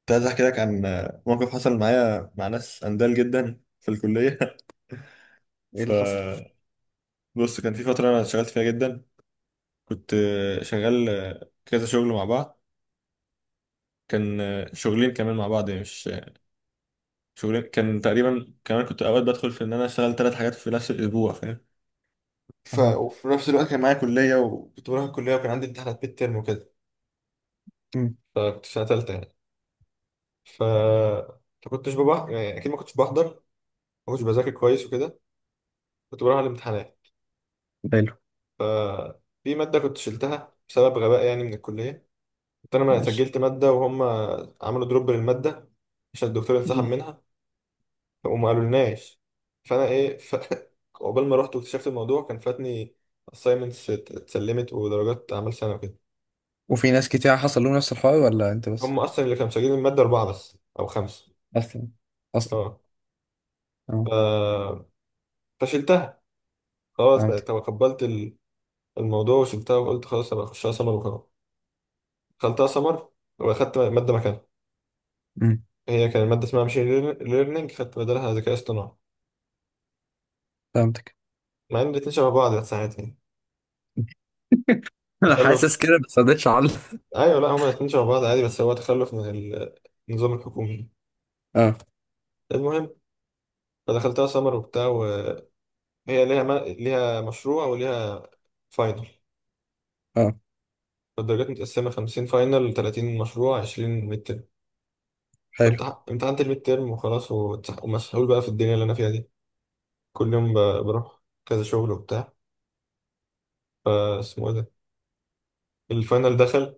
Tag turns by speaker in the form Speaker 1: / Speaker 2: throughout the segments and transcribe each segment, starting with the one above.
Speaker 1: كنت عايز احكي لك عن موقف حصل معايا مع ناس اندال جدا في الكليه.
Speaker 2: ايه اللي حصل؟
Speaker 1: فبص، كان في فتره انا اشتغلت فيها جدا. كنت شغال كذا شغل مع بعض. كان شغلين كمان مع بعض، يعني مش شغلين، كان تقريبا كمان. كنت اوقات بدخل في ان انا اشتغل ثلاث حاجات في نفس الاسبوع، فاهم؟ ف
Speaker 2: اها.
Speaker 1: وفي نفس الوقت كان معايا كليه، وكنت بروح الكليه، وكان عندي امتحانات ميد ترم وكده.
Speaker 2: امم.
Speaker 1: فكنت في سنه ثالثه يعني. ف ما كنتش ببع... يعني اكيد ما كنتش بحضر، ما كنتش بذاكر كويس وكده. كنت بروح على الامتحانات.
Speaker 2: حلو.
Speaker 1: ففي مادة كنت شلتها بسبب غباء يعني من الكلية. كنت أنا ما
Speaker 2: ماشي.
Speaker 1: سجلت مادة وهم عملوا دروب للمادة عشان الدكتور انسحب
Speaker 2: مم.
Speaker 1: منها، وما قالولناش. فأنا إيه عقبال ما رحت واكتشفت الموضوع كان فاتني assignments اتسلمت ودرجات أعمال سنة وكده.
Speaker 2: وفي ناس كتير حصل لهم نفس الحوار ولا انت بس؟
Speaker 1: هم أصلا اللي كانوا مسجلين المادة أربعة بس أو خمسة.
Speaker 2: اصلا، اصلا.
Speaker 1: أه،
Speaker 2: اه،
Speaker 1: فشلتها. خلاص بقى
Speaker 2: فهمتك.
Speaker 1: تقبلت الموضوع وشلتها، وقلت خلاص أبقى أخشها سمر وخلاص. دخلتها سمر وأخدت مادة مكانها.
Speaker 2: امم.
Speaker 1: هي كان المادة اسمها ماشين ليرنينج، خدت بدلها ذكاء اصطناعي،
Speaker 2: فهمتك.
Speaker 1: مع ان الاتنين شبه بعض يا ساعات يعني.
Speaker 2: انا
Speaker 1: تخلف.
Speaker 2: حاسس كده بس ما رضيتش اعلق.
Speaker 1: ايوه، لا هما الاتنين شبه بعض عادي، بس هو تخلف من النظام الحكومي.
Speaker 2: اه،
Speaker 1: المهم، فدخلتها سمر وبتاع، وهي ليها ما... ليها مشروع وليها فاينل.
Speaker 2: اه.
Speaker 1: فالدرجات متقسمة 50 فاينل، 30 مشروع، 20 ميد ترم.
Speaker 2: حلو.
Speaker 1: امتحنت الميد ترم وخلاص، ومسحول بقى في الدنيا اللي انا فيها دي. كل يوم بروح كذا شغل وبتاع. فاسمه ايه ده، الفاينل دخل،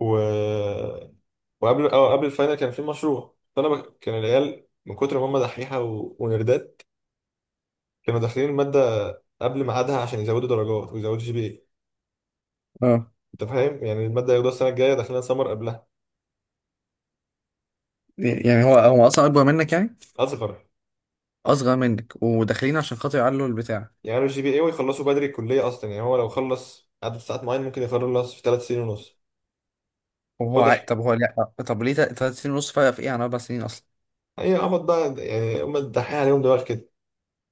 Speaker 1: و وقبل اه قبل الفاينل كان في مشروع. فانا كان العيال من كتر ما هم دحيحه و... ونردات، كانوا داخلين الماده قبل ميعادها عشان يزودوا درجات ويزودوا GPA.
Speaker 2: اه،
Speaker 1: انت فاهم؟ يعني الماده ياخدوها السنه الجايه داخلين سمر قبلها.
Speaker 2: يعني هو اصلا اكبر منك يعني؟
Speaker 1: اصغر.
Speaker 2: اصغر منك وداخلين عشان خاطر يعلوا البتاع.
Speaker 1: يعني الجي بي اي، ويخلصوا بدري الكليه. اصلا يعني هو لو خلص عدد ساعات معين ممكن يخلص في ثلاث سنين ونص.
Speaker 2: وهو عا...
Speaker 1: واضح.
Speaker 2: طب هو لا طب ليه تلات سنين ونص فرق في ايه عن اربع سنين اصلا؟
Speaker 1: هي عبط بقى، يعني هم دحيحه، عليهم دماغ كده.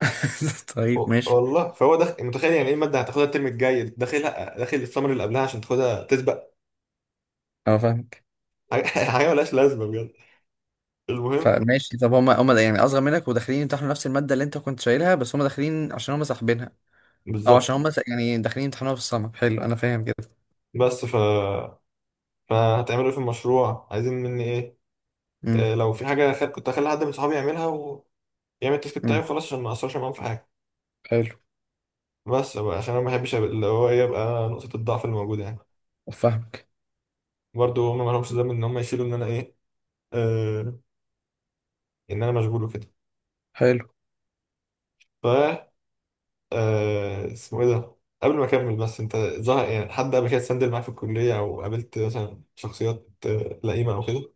Speaker 2: طيب،
Speaker 1: و-
Speaker 2: ماشي.
Speaker 1: والله، فهو متخيل يعني ايه الماده هتاخدها الترم الجاي، داخلها داخل السمر اللي قبلها عشان تاخدها تسبق.
Speaker 2: اه، فاهمك.
Speaker 1: حاجه حاجة ملهاش لازمه بجد. المهم.
Speaker 2: فماشي، طب هما يعني اصغر منك وداخلين يمتحنوا نفس الماده اللي انت كنت شايلها، بس هما داخلين عشان هما ساحبينها. اه،
Speaker 1: بالظبط.
Speaker 2: عشان هم بس يعني داخلين يمتحنوها في السمر. حلو، انا فاهم كده.
Speaker 1: بس ف فهتعملوا ايه في المشروع، عايزين مني ايه؟
Speaker 2: امم.
Speaker 1: لو في حاجه كنت اخلي حد من صحابي يعملها ويعمل التاسك بتاعي
Speaker 2: امم.
Speaker 1: وخلاص عشان ما اقصرش معاهم في حاجه.
Speaker 2: حلو.
Speaker 1: بس بقى عشان انا ما بحبش اللي هو إيه، يبقى نقطه الضعف اللي موجوده يعني.
Speaker 2: فاهمك.
Speaker 1: برضو هم ما لهمش ذنب ان هم يشيلوا آه، ان انا مشغول وكده.
Speaker 2: حلو.
Speaker 1: ف آه، اسمه ايه ده، قبل ما اكمل بس، انت ظهر يعني حد قبل كده اتسندل معاك في الكليه، او قابلت مثلا شخصيات لئيمه او كده؟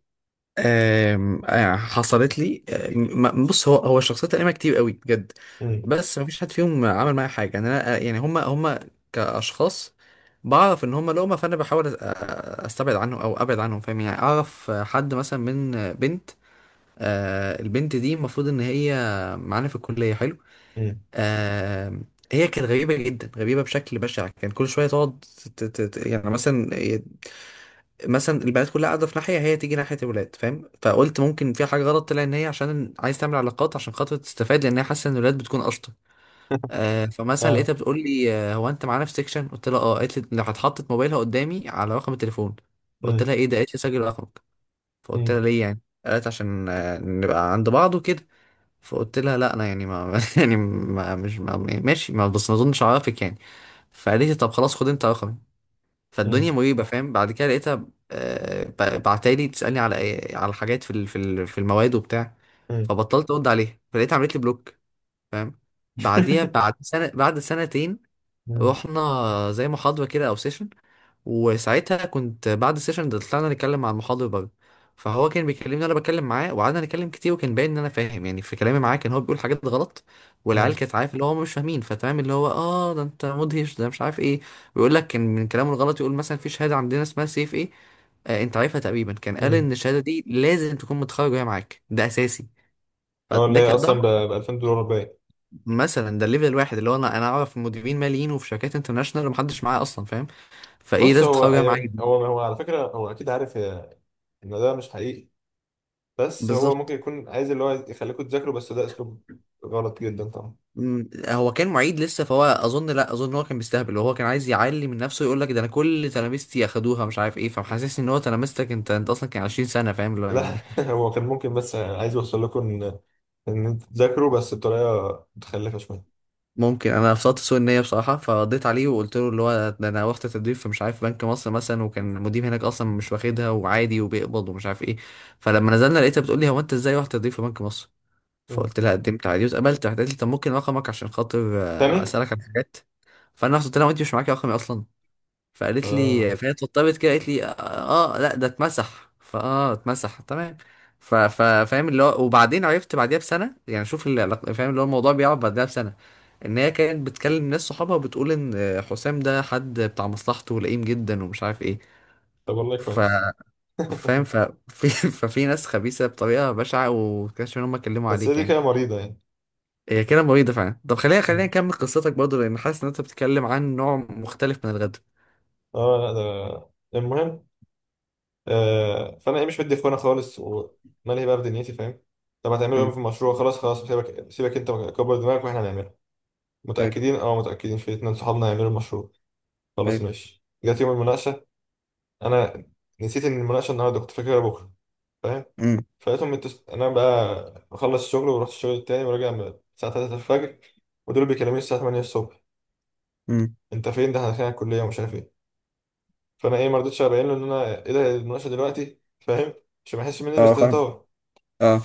Speaker 2: آم، آه، حصلت لي. بص، هو الشخصيات القديمه كتير قوي بجد.
Speaker 1: امم.
Speaker 2: بس مفيش حد فيهم عمل معايا حاجه، يعني انا، يعني هم كاشخاص بعرف ان هم لقمه، فانا بحاول استبعد عنهم او ابعد عنهم فاهم. يعني اعرف حد مثلا من بنت، البنت دي المفروض ان هي معانا في الكليه، حلو.
Speaker 1: امم.
Speaker 2: آه. هي كانت غريبة جدا، غريبة بشكل بشع. كان كل شوية تقعد يعني مثلا، البنات كلها قاعدة في ناحية، هي تيجي ناحية الولاد فاهم. فقلت ممكن في حاجة غلط، طلع ان هي عشان عايز تعمل علاقات عشان خاطر تستفاد، لان هي حاسة ان الولاد بتكون اشطر. آه، فمثلا
Speaker 1: اه.
Speaker 2: لقيتها بتقول لي، هو انت معانا في سيكشن؟ قلت لها اه. قالت لي لو هتحطت موبايلها قدامي على رقم التليفون. فقلت
Speaker 1: امم.
Speaker 2: لها ايه ده؟ قالت لي سجل رقمك. فقلت لها ليه يعني؟ قالت عشان، نبقى عند بعض وكده. فقلت لها لا انا يعني ما يعني ما مش ما ماشي ما بس ما اظنش اعرفك يعني. فقالت لي طب خلاص، خد انت رقمي. فالدنيا
Speaker 1: امم.
Speaker 2: مريبه فاهم. بعد كده لقيتها، بعتالي تسالني على على حاجات في في المواد وبتاع. فبطلت ارد عليها، فلقيتها عملت لي بلوك. فاهم. بعديها بعد سنه، بعد سنتين،
Speaker 1: امم.
Speaker 2: رحنا زي محاضره كده او سيشن. وساعتها كنت بعد السيشن ده طلعنا نتكلم مع المحاضر بره. فهو كان بيكلمني، انا بتكلم معاه، وقعدنا نتكلم كتير، وكان باين ان انا فاهم يعني في كلامي معاه. كان هو بيقول حاجات غلط،
Speaker 1: مم.
Speaker 2: والعيال كانت عارف اللي هو هم مش فاهمين، فتمام اللي هو اه ده انت مدهش ده مش عارف ايه. ويقول لك، كان من كلامه الغلط يقول مثلا في شهاده عندنا اسمها سيف ايه، آه، انت عارفها تقريبا. كان قال
Speaker 1: مم.
Speaker 2: ان الشهاده دي لازم تكون متخرج وهي معاك، ده اساسي.
Speaker 1: هو اللي هي
Speaker 2: ده
Speaker 1: اصلا ب 2000 دولار باين.
Speaker 2: مثلا، ده الليفل الواحد اللي هو انا اعرف مديرين ماليين وفي شركات انترناشونال، ومحدش معايا اصلا فاهم. فايه
Speaker 1: بص،
Speaker 2: لازم
Speaker 1: هو
Speaker 2: تتخرج وهي معاك؟
Speaker 1: هو هو على فكره هو اكيد عارف ان ده مش حقيقي. بس هو ممكن
Speaker 2: بالظبط.
Speaker 1: يكون عايز اللي هو يخليكم تذاكروا، بس ده اسلوب غلط جدا طبعا.
Speaker 2: مم، هو كان معيد لسه، فهو اظن، لا اظن هو كان بيستهبل. هو كان عايز يعلي من نفسه، يقول لك ده انا كل تلامذتي اخدوها مش عارف ايه، فمحسسني ان هو تلامذتك انت اصلا كان 20 سنه فاهم اللي هو
Speaker 1: لا
Speaker 2: يعني.
Speaker 1: هو كان ممكن بس عايز يوصل لكم ان ان انتوا تذاكروا، بس بطريقه متخلفه شويه.
Speaker 2: ممكن انا فصلت سوء النيه بصراحه فقضيت عليه، وقلت له اللي هو ده انا واخد تدريب في مش عارف بنك مصر مثلا، وكان المدير هناك اصلا مش واخدها وعادي وبيقبض ومش عارف ايه. فلما نزلنا لقيتها بتقول لي، هو انت ازاي واخد تدريب في بنك مصر؟
Speaker 1: مم.
Speaker 2: فقلت لها قدمت عادي واتقبلت. راحت قالت لي طب ممكن رقمك عشان خاطر،
Speaker 1: تاني.
Speaker 2: اسالك عن حاجات. فانا رحت قلت لها، وانت مش معاكي رقمي اصلا؟ فقالت
Speaker 1: اه،
Speaker 2: لي، فهي اتوترت كده، قالت لي اه، لا ده اتمسح، اتمسح تمام. فاهم اللي هو، وبعدين عرفت بعديها بسنه يعني، شوف فاهم اللي هو، الموضوع بيقعد بعديها بسنه، ان هي كانت بتكلم ناس صحابها وبتقول ان حسام ده حد بتاع مصلحته ولئيم جدا ومش عارف ايه.
Speaker 1: طب والله
Speaker 2: ف
Speaker 1: كويس.
Speaker 2: فاهم ف... في... ففي ناس خبيثه بطريقه بشعه، وكانش ان هم اتكلموا
Speaker 1: بس هي
Speaker 2: عليك
Speaker 1: دي
Speaker 2: يعني.
Speaker 1: كده مريضه يعني.
Speaker 2: هي كده مريضه فعلا. طب خلينا، خلينا
Speaker 1: مم.
Speaker 2: نكمل قصتك برضه، لان حاسس ان انت بتتكلم عن نوع مختلف من الغدر.
Speaker 1: اه، لا ده المهم. فانا ايه مش مدي اخوانا خالص، ومالي بقى في دنيتي، فاهم؟ طب هتعملوا ايه في
Speaker 2: امم.
Speaker 1: المشروع؟ خلاص خلاص، سيبك سيبك، انت كبر دماغك واحنا هنعمله.
Speaker 2: حلو.
Speaker 1: متاكدين؟ اه متاكدين، في اتنين صحابنا هيعملوا المشروع. خلاص
Speaker 2: حلو.
Speaker 1: ماشي، جت يوم المناقشه. انا نسيت ان المناقشه النهارده، كنت فاكرها بكره، فاهم؟
Speaker 2: امم.
Speaker 1: فلقيتهم انا بقى بخلص الشغل ورحت الشغل التاني، وراجع من الساعه 3 الفجر، ودول بيكلموني الساعه 8 الصبح. انت فين؟ ده احنا داخلين على الكليه ومش عارف ايه. فانا ايه ما رضيتش ابين له ان انا ايه ده المناقشه دلوقتي، فاهم؟ عشان ما يحسش مني
Speaker 2: اه، فاهم.
Speaker 1: باستهتار.
Speaker 2: اه.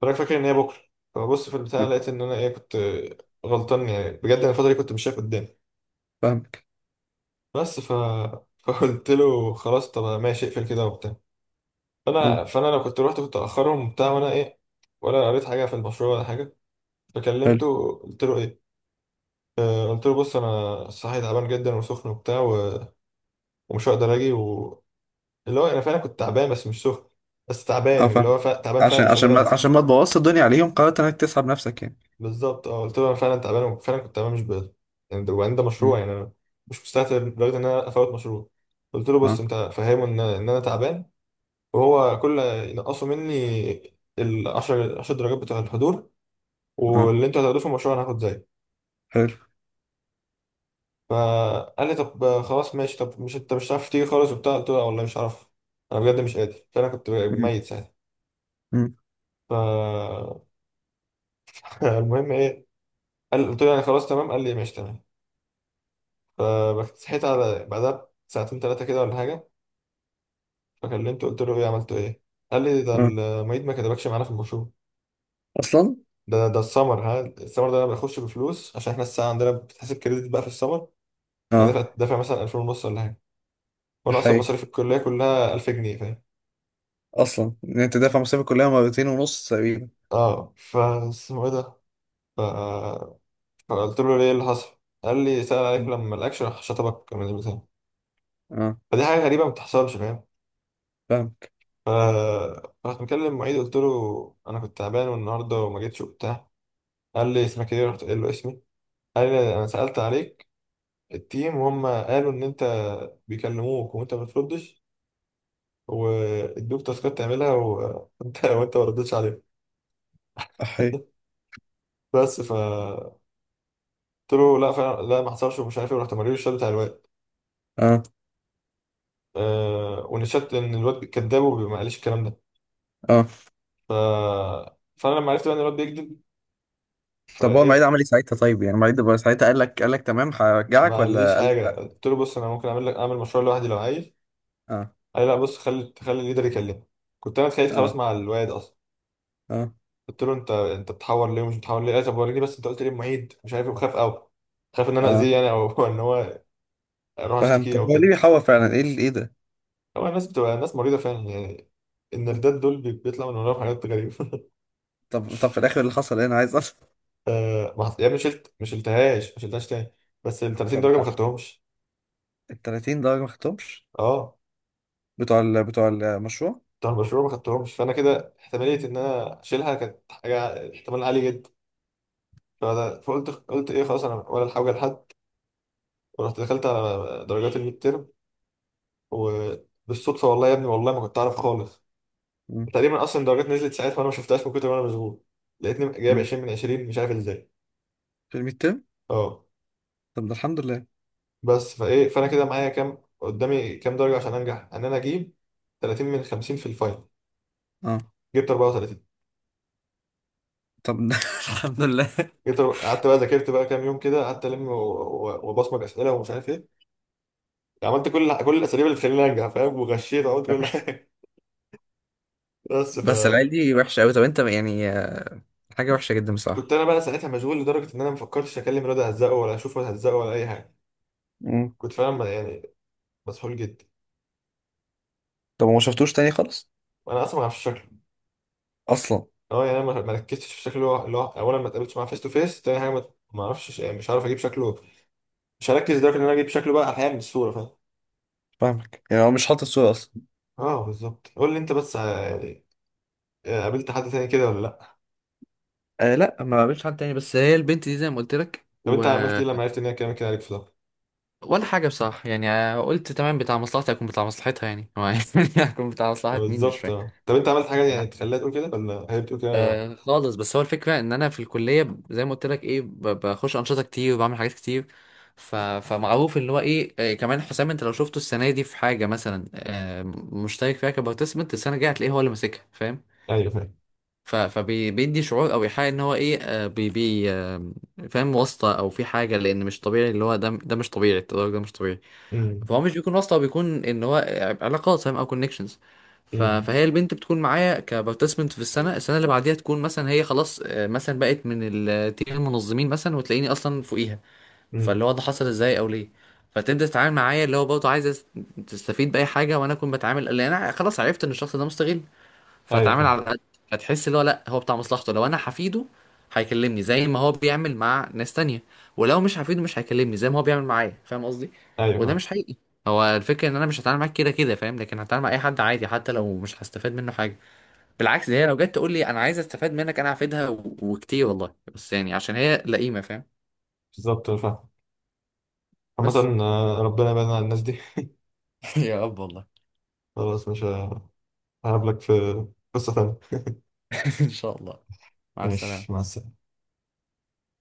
Speaker 1: فانا فاكر ان هي بكره. فبص، في البتاع
Speaker 2: آه،
Speaker 1: لقيت ان انا ايه كنت غلطان، يعني بجد انا الفتره دي كنت مش شايف قدامي.
Speaker 2: فاهمك.
Speaker 1: بس فقلت له خلاص، طب ماشي، اقفل كده وبتاع.
Speaker 2: اه.
Speaker 1: فانا لو كنت رحت كنت اخرهم وبتاع، وانا ايه ولا قريت حاجه في المشروع ولا حاجه.
Speaker 2: حلو.
Speaker 1: فكلمته قلت له ايه، قلت له بص انا صحي تعبان جدا وسخن وبتاع و... ومش هقدر اجي اللي هو انا فعلا كنت تعبان بس مش سخن، بس
Speaker 2: اه،
Speaker 1: تعبان اللي
Speaker 2: فاهم.
Speaker 1: هو تعبان فعلا
Speaker 2: عشان،
Speaker 1: مش قادر انزل.
Speaker 2: ما تبوظش الدنيا عليهم قررت انك تسحب نفسك يعني؟
Speaker 1: بالظبط اه قلت له انا فعلا تعبان، وفعلا كنت تعبان مش بقدر. يعني ده وبعدين ده مشروع،
Speaker 2: مم.
Speaker 1: يعني انا مش مستعجل لدرجه ان انا افوت مشروع. قلت له بص انت
Speaker 2: اه.
Speaker 1: فهمه ان انا تعبان. وهو كل ينقصوا مني ال 10 درجات بتوع الحضور،
Speaker 2: اه.
Speaker 1: واللي انتوا هتاخدوه في المشروع انا هاخد زيه.
Speaker 2: حلو.
Speaker 1: فقال لي طب خلاص ماشي، طب مش انت مش هتعرف تيجي خالص وبتاع؟ قلت له لا والله مش هعرف، انا بجد مش قادر، فانا كنت
Speaker 2: مم.
Speaker 1: ميت ساعتها.
Speaker 2: مم.
Speaker 1: ف المهم ايه. قال، قلت له يعني خلاص تمام، قال لي ماشي تمام. فصحيت على بعدها ساعتين ثلاثه كده ولا حاجه. فكلمته قلت له ايه عملت ايه؟ قال لي ده
Speaker 2: اه.
Speaker 1: المعيد ما كتبكش معانا في المشروع.
Speaker 2: اصلا.
Speaker 1: ده السمر، ها، السمر ده انا بخش بفلوس، عشان احنا الساعه عندنا بتحسب كريدت بقى في السمر. يعني
Speaker 2: اه.
Speaker 1: دافع مثلا 2000 ونص ولا حاجه، وانا اصلا
Speaker 2: حقيقي.
Speaker 1: مصاريف الكليه كلها 1000 جنيه، فاهم؟
Speaker 2: اصلا ان انت دافع مصاريف الكليه مرتين ونص تقريبا.
Speaker 1: اه، اسمه ايه ده، ف... فقلت له ليه اللي حصل. قال لي سأل عليك
Speaker 2: مم.
Speaker 1: لما ما لقاكش، راح شطبك من البتاع.
Speaker 2: اه،
Speaker 1: فدي حاجه غريبه ما بتحصلش فاهم.
Speaker 2: فاهمك.
Speaker 1: ف رحت مكلم المعيد، قلت له انا كنت تعبان والنهارده وما جيتش وبتاع. قال لي اسمك ايه، رحت قايل له اسمي. قال لي انا سألت عليك التيم، وهم قالوا ان انت بيكلموك وانت ما بتردش، وادوك تاسكات تعملها وانت وانت ما ردتش عليهم.
Speaker 2: حقيقي.
Speaker 1: بس فقلت له لا فعلا لا ما حصلش، ومش عارف ايه. ورحت موريله الشات بتاع الواد.
Speaker 2: اه.
Speaker 1: أه، ونشات ان الواد كذاب وما قاليش الكلام ده.
Speaker 2: اه.
Speaker 1: ف فانا لما عرفت بقى ان الواد بيكذب،
Speaker 2: طب هو المعيد
Speaker 1: فايه،
Speaker 2: عمل ايه ساعتها؟ طيب يعني المعيد بقى ساعتها قال لك تمام هرجعك،
Speaker 1: ما قاليش
Speaker 2: ولا قال لك
Speaker 1: حاجه.
Speaker 2: لا؟
Speaker 1: قلت له بص انا ممكن اعمل مشروع لوحدي لو عايز.
Speaker 2: اه.
Speaker 1: قال لي لا بص خلي خلي الليدر يكلمك. كنت انا اتخانقت خلاص
Speaker 2: اه.
Speaker 1: مع الواد.
Speaker 2: اه.
Speaker 1: قلت له انت بتحور ليه ومش بتحور ليه. قال لي طب وريني بس انت قلت ليه، المعيد مش عارف ايه وخاف قوي. خاف ان انا
Speaker 2: اه،
Speaker 1: اذيه يعني، او ان هو اروح
Speaker 2: فاهم.
Speaker 1: اشتكيه
Speaker 2: طب
Speaker 1: او
Speaker 2: هو ليه
Speaker 1: كده.
Speaker 2: بيحور فعلا، ايه ايه ده؟
Speaker 1: هو الناس بتبقى ناس مريضه فعلا يعني،
Speaker 2: مم.
Speaker 1: النردات دول بيطلع من وراهم حاجات غريبه.
Speaker 2: طب، طب في الاخر اللي حصل إيه؟ انا عايز.
Speaker 1: ما حط- يعني مش شلتهاش، ما شلتهاش تاني، بس ال 30
Speaker 2: طب،
Speaker 1: درجه ما
Speaker 2: الحق.
Speaker 1: خدتهمش.
Speaker 2: ال 30 درجة ما خدتهمش،
Speaker 1: اه
Speaker 2: بتوع المشروع.
Speaker 1: بتوع المشروع ما خدتهمش، فانا كده احتماليه ان انا اشيلها كانت حاجه احتمال عالي جدا. قلت ايه خلاص انا ولا الحاجه لحد، ورحت دخلت على درجات الميد ترم. و بالصدفة والله يا ابني، والله ما كنت أعرف خالص.
Speaker 2: مم.
Speaker 1: تقريبا اصلا درجات نزلت ساعتها وانا ما شفتهاش من كتر ما انا مشغول. لقيتني جايب
Speaker 2: مم.
Speaker 1: 20 من 20 مش عارف ازاي.
Speaker 2: في الميد تيرم.
Speaker 1: اه
Speaker 2: طب ده الحمد لله.
Speaker 1: بس فايه، فانا كده معايا كام، قدامي كام درجه عشان انجح؟ ان انا اجيب 30 من 50 في الفاينل.
Speaker 2: اه.
Speaker 1: جبت 34.
Speaker 2: طب ده الحمد لله.
Speaker 1: قعدت بقى ذاكرت بقى كام يوم كده، قعدت وبصمج اسئله ومش عارف ايه، عملت كل الاساليب اللي تخليني انجح فاهم، وغشيت وعملت كل حاجه. بس
Speaker 2: بس العيال
Speaker 1: فكنت
Speaker 2: دي وحشه قوي. طب انت يعني، حاجه وحشه جدا بصراحه.
Speaker 1: انا بقى ساعتها مشغول لدرجه ان انا ما فكرتش اكلم الواد هزقه، ولا اشوفه هزقه، ولا اي حاجه.
Speaker 2: مم.
Speaker 1: كنت فعلا يعني مسحول جدا،
Speaker 2: طب ما شفتوش تاني خالص؟
Speaker 1: وانا اصلا ما اعرفش.
Speaker 2: اصلا.
Speaker 1: اه، يعني انا ما ركزتش في شكله، اللي هو اولا ما اتقابلتش معاه فيس تو فيس، تاني حاجه ما اعرفش، مش عارف اجيب شكله، مش هركز لدرجه ان انا اجيب شكله بقى احيانا من الصوره فاهم.
Speaker 2: فاهمك، يعني هو مش حاطط الصورة اصلا.
Speaker 1: اه بالظبط، قول لي انت بس. يعني، قابلت حد تاني كده ولا لا؟
Speaker 2: أه، لا، ما قابلتش حد تاني. بس هي البنت دي زي ما قلت لك
Speaker 1: طب انت عملت ايه لما عرفت ان هي كلامك كده عليك في ده.
Speaker 2: ولا حاجه بصراحه يعني، قلت تمام بتاع مصلحتي هكون بتاع مصلحتها يعني هو يعني هكون بتاع مصلحه مين مش
Speaker 1: بالظبط.
Speaker 2: فاهم.
Speaker 1: اه طب انت عملت حاجه يعني تخليها تقول كده، ولا هي بتقول كده؟
Speaker 2: آه خالص. بس هو الفكرة ان انا في الكلية زي ما قلت لك، ايه بخش انشطة كتير وبعمل حاجات كتير. فمعروف اللي هو ايه، كمان حسام، انت لو شفته السنة دي في حاجة مثلا آه مشترك فيها كبارتيسيبنت، السنة الجاية هتلاقيه هو اللي ماسكها فاهم.
Speaker 1: ايوه فاهم.
Speaker 2: فبيدي شعور او ايحاء ان هو ايه، آه بي... بي... آه فاهم، واسطة او في حاجة، لان مش طبيعي اللي هو ده مش طبيعي، التدرج ده مش طبيعي.
Speaker 1: امم.
Speaker 2: فهو مش بيكون واسطة، هو بيكون ان هو علاقات فاهم، او كونكشنز.
Speaker 1: امم.
Speaker 2: فهي البنت بتكون معايا كبارتيسيبنت في السنة اللي بعديها، تكون مثلا هي خلاص، مثلا بقت من التيم المنظمين مثلا، وتلاقيني اصلا فوقيها.
Speaker 1: امم.
Speaker 2: فاللي هو ده حصل ازاي او ليه؟ فتبدأ تتعامل معايا اللي هو برضه عايز تستفيد بأي حاجة، وانا اكون بتعامل لان انا خلاص عرفت ان الشخص ده مستغل،
Speaker 1: ايوه
Speaker 2: فاتعامل
Speaker 1: فاهم.
Speaker 2: على قد. هتحس اللي هو لا، هو بتاع مصلحته. لو انا حفيده هيكلمني زي ما هو بيعمل مع ناس تانية، ولو مش حفيده مش هيكلمني زي ما هو بيعمل معايا، فاهم قصدي؟
Speaker 1: ايوه
Speaker 2: وده
Speaker 1: فاهم.
Speaker 2: مش حقيقي. هو الفكرة ان انا مش هتعامل معاك كده كده فاهم، لكن هتعامل مع اي حد عادي حتى لو مش هستفاد منه حاجة. بالعكس، ده هي لو جت تقول لي انا عايز استفاد منك انا هفيدها وكتير والله. بس يعني عشان هي لئيمة فاهم.
Speaker 1: بالظبط، أنا فاهم.
Speaker 2: بس.
Speaker 1: عامة، ربنا يبعدنا عن الناس دي.
Speaker 2: يا رب والله.
Speaker 1: خلاص، مش هقابلك في قصة تانية.
Speaker 2: ان شاء الله. مع
Speaker 1: ماشي مع
Speaker 2: السلامة.
Speaker 1: السلامة.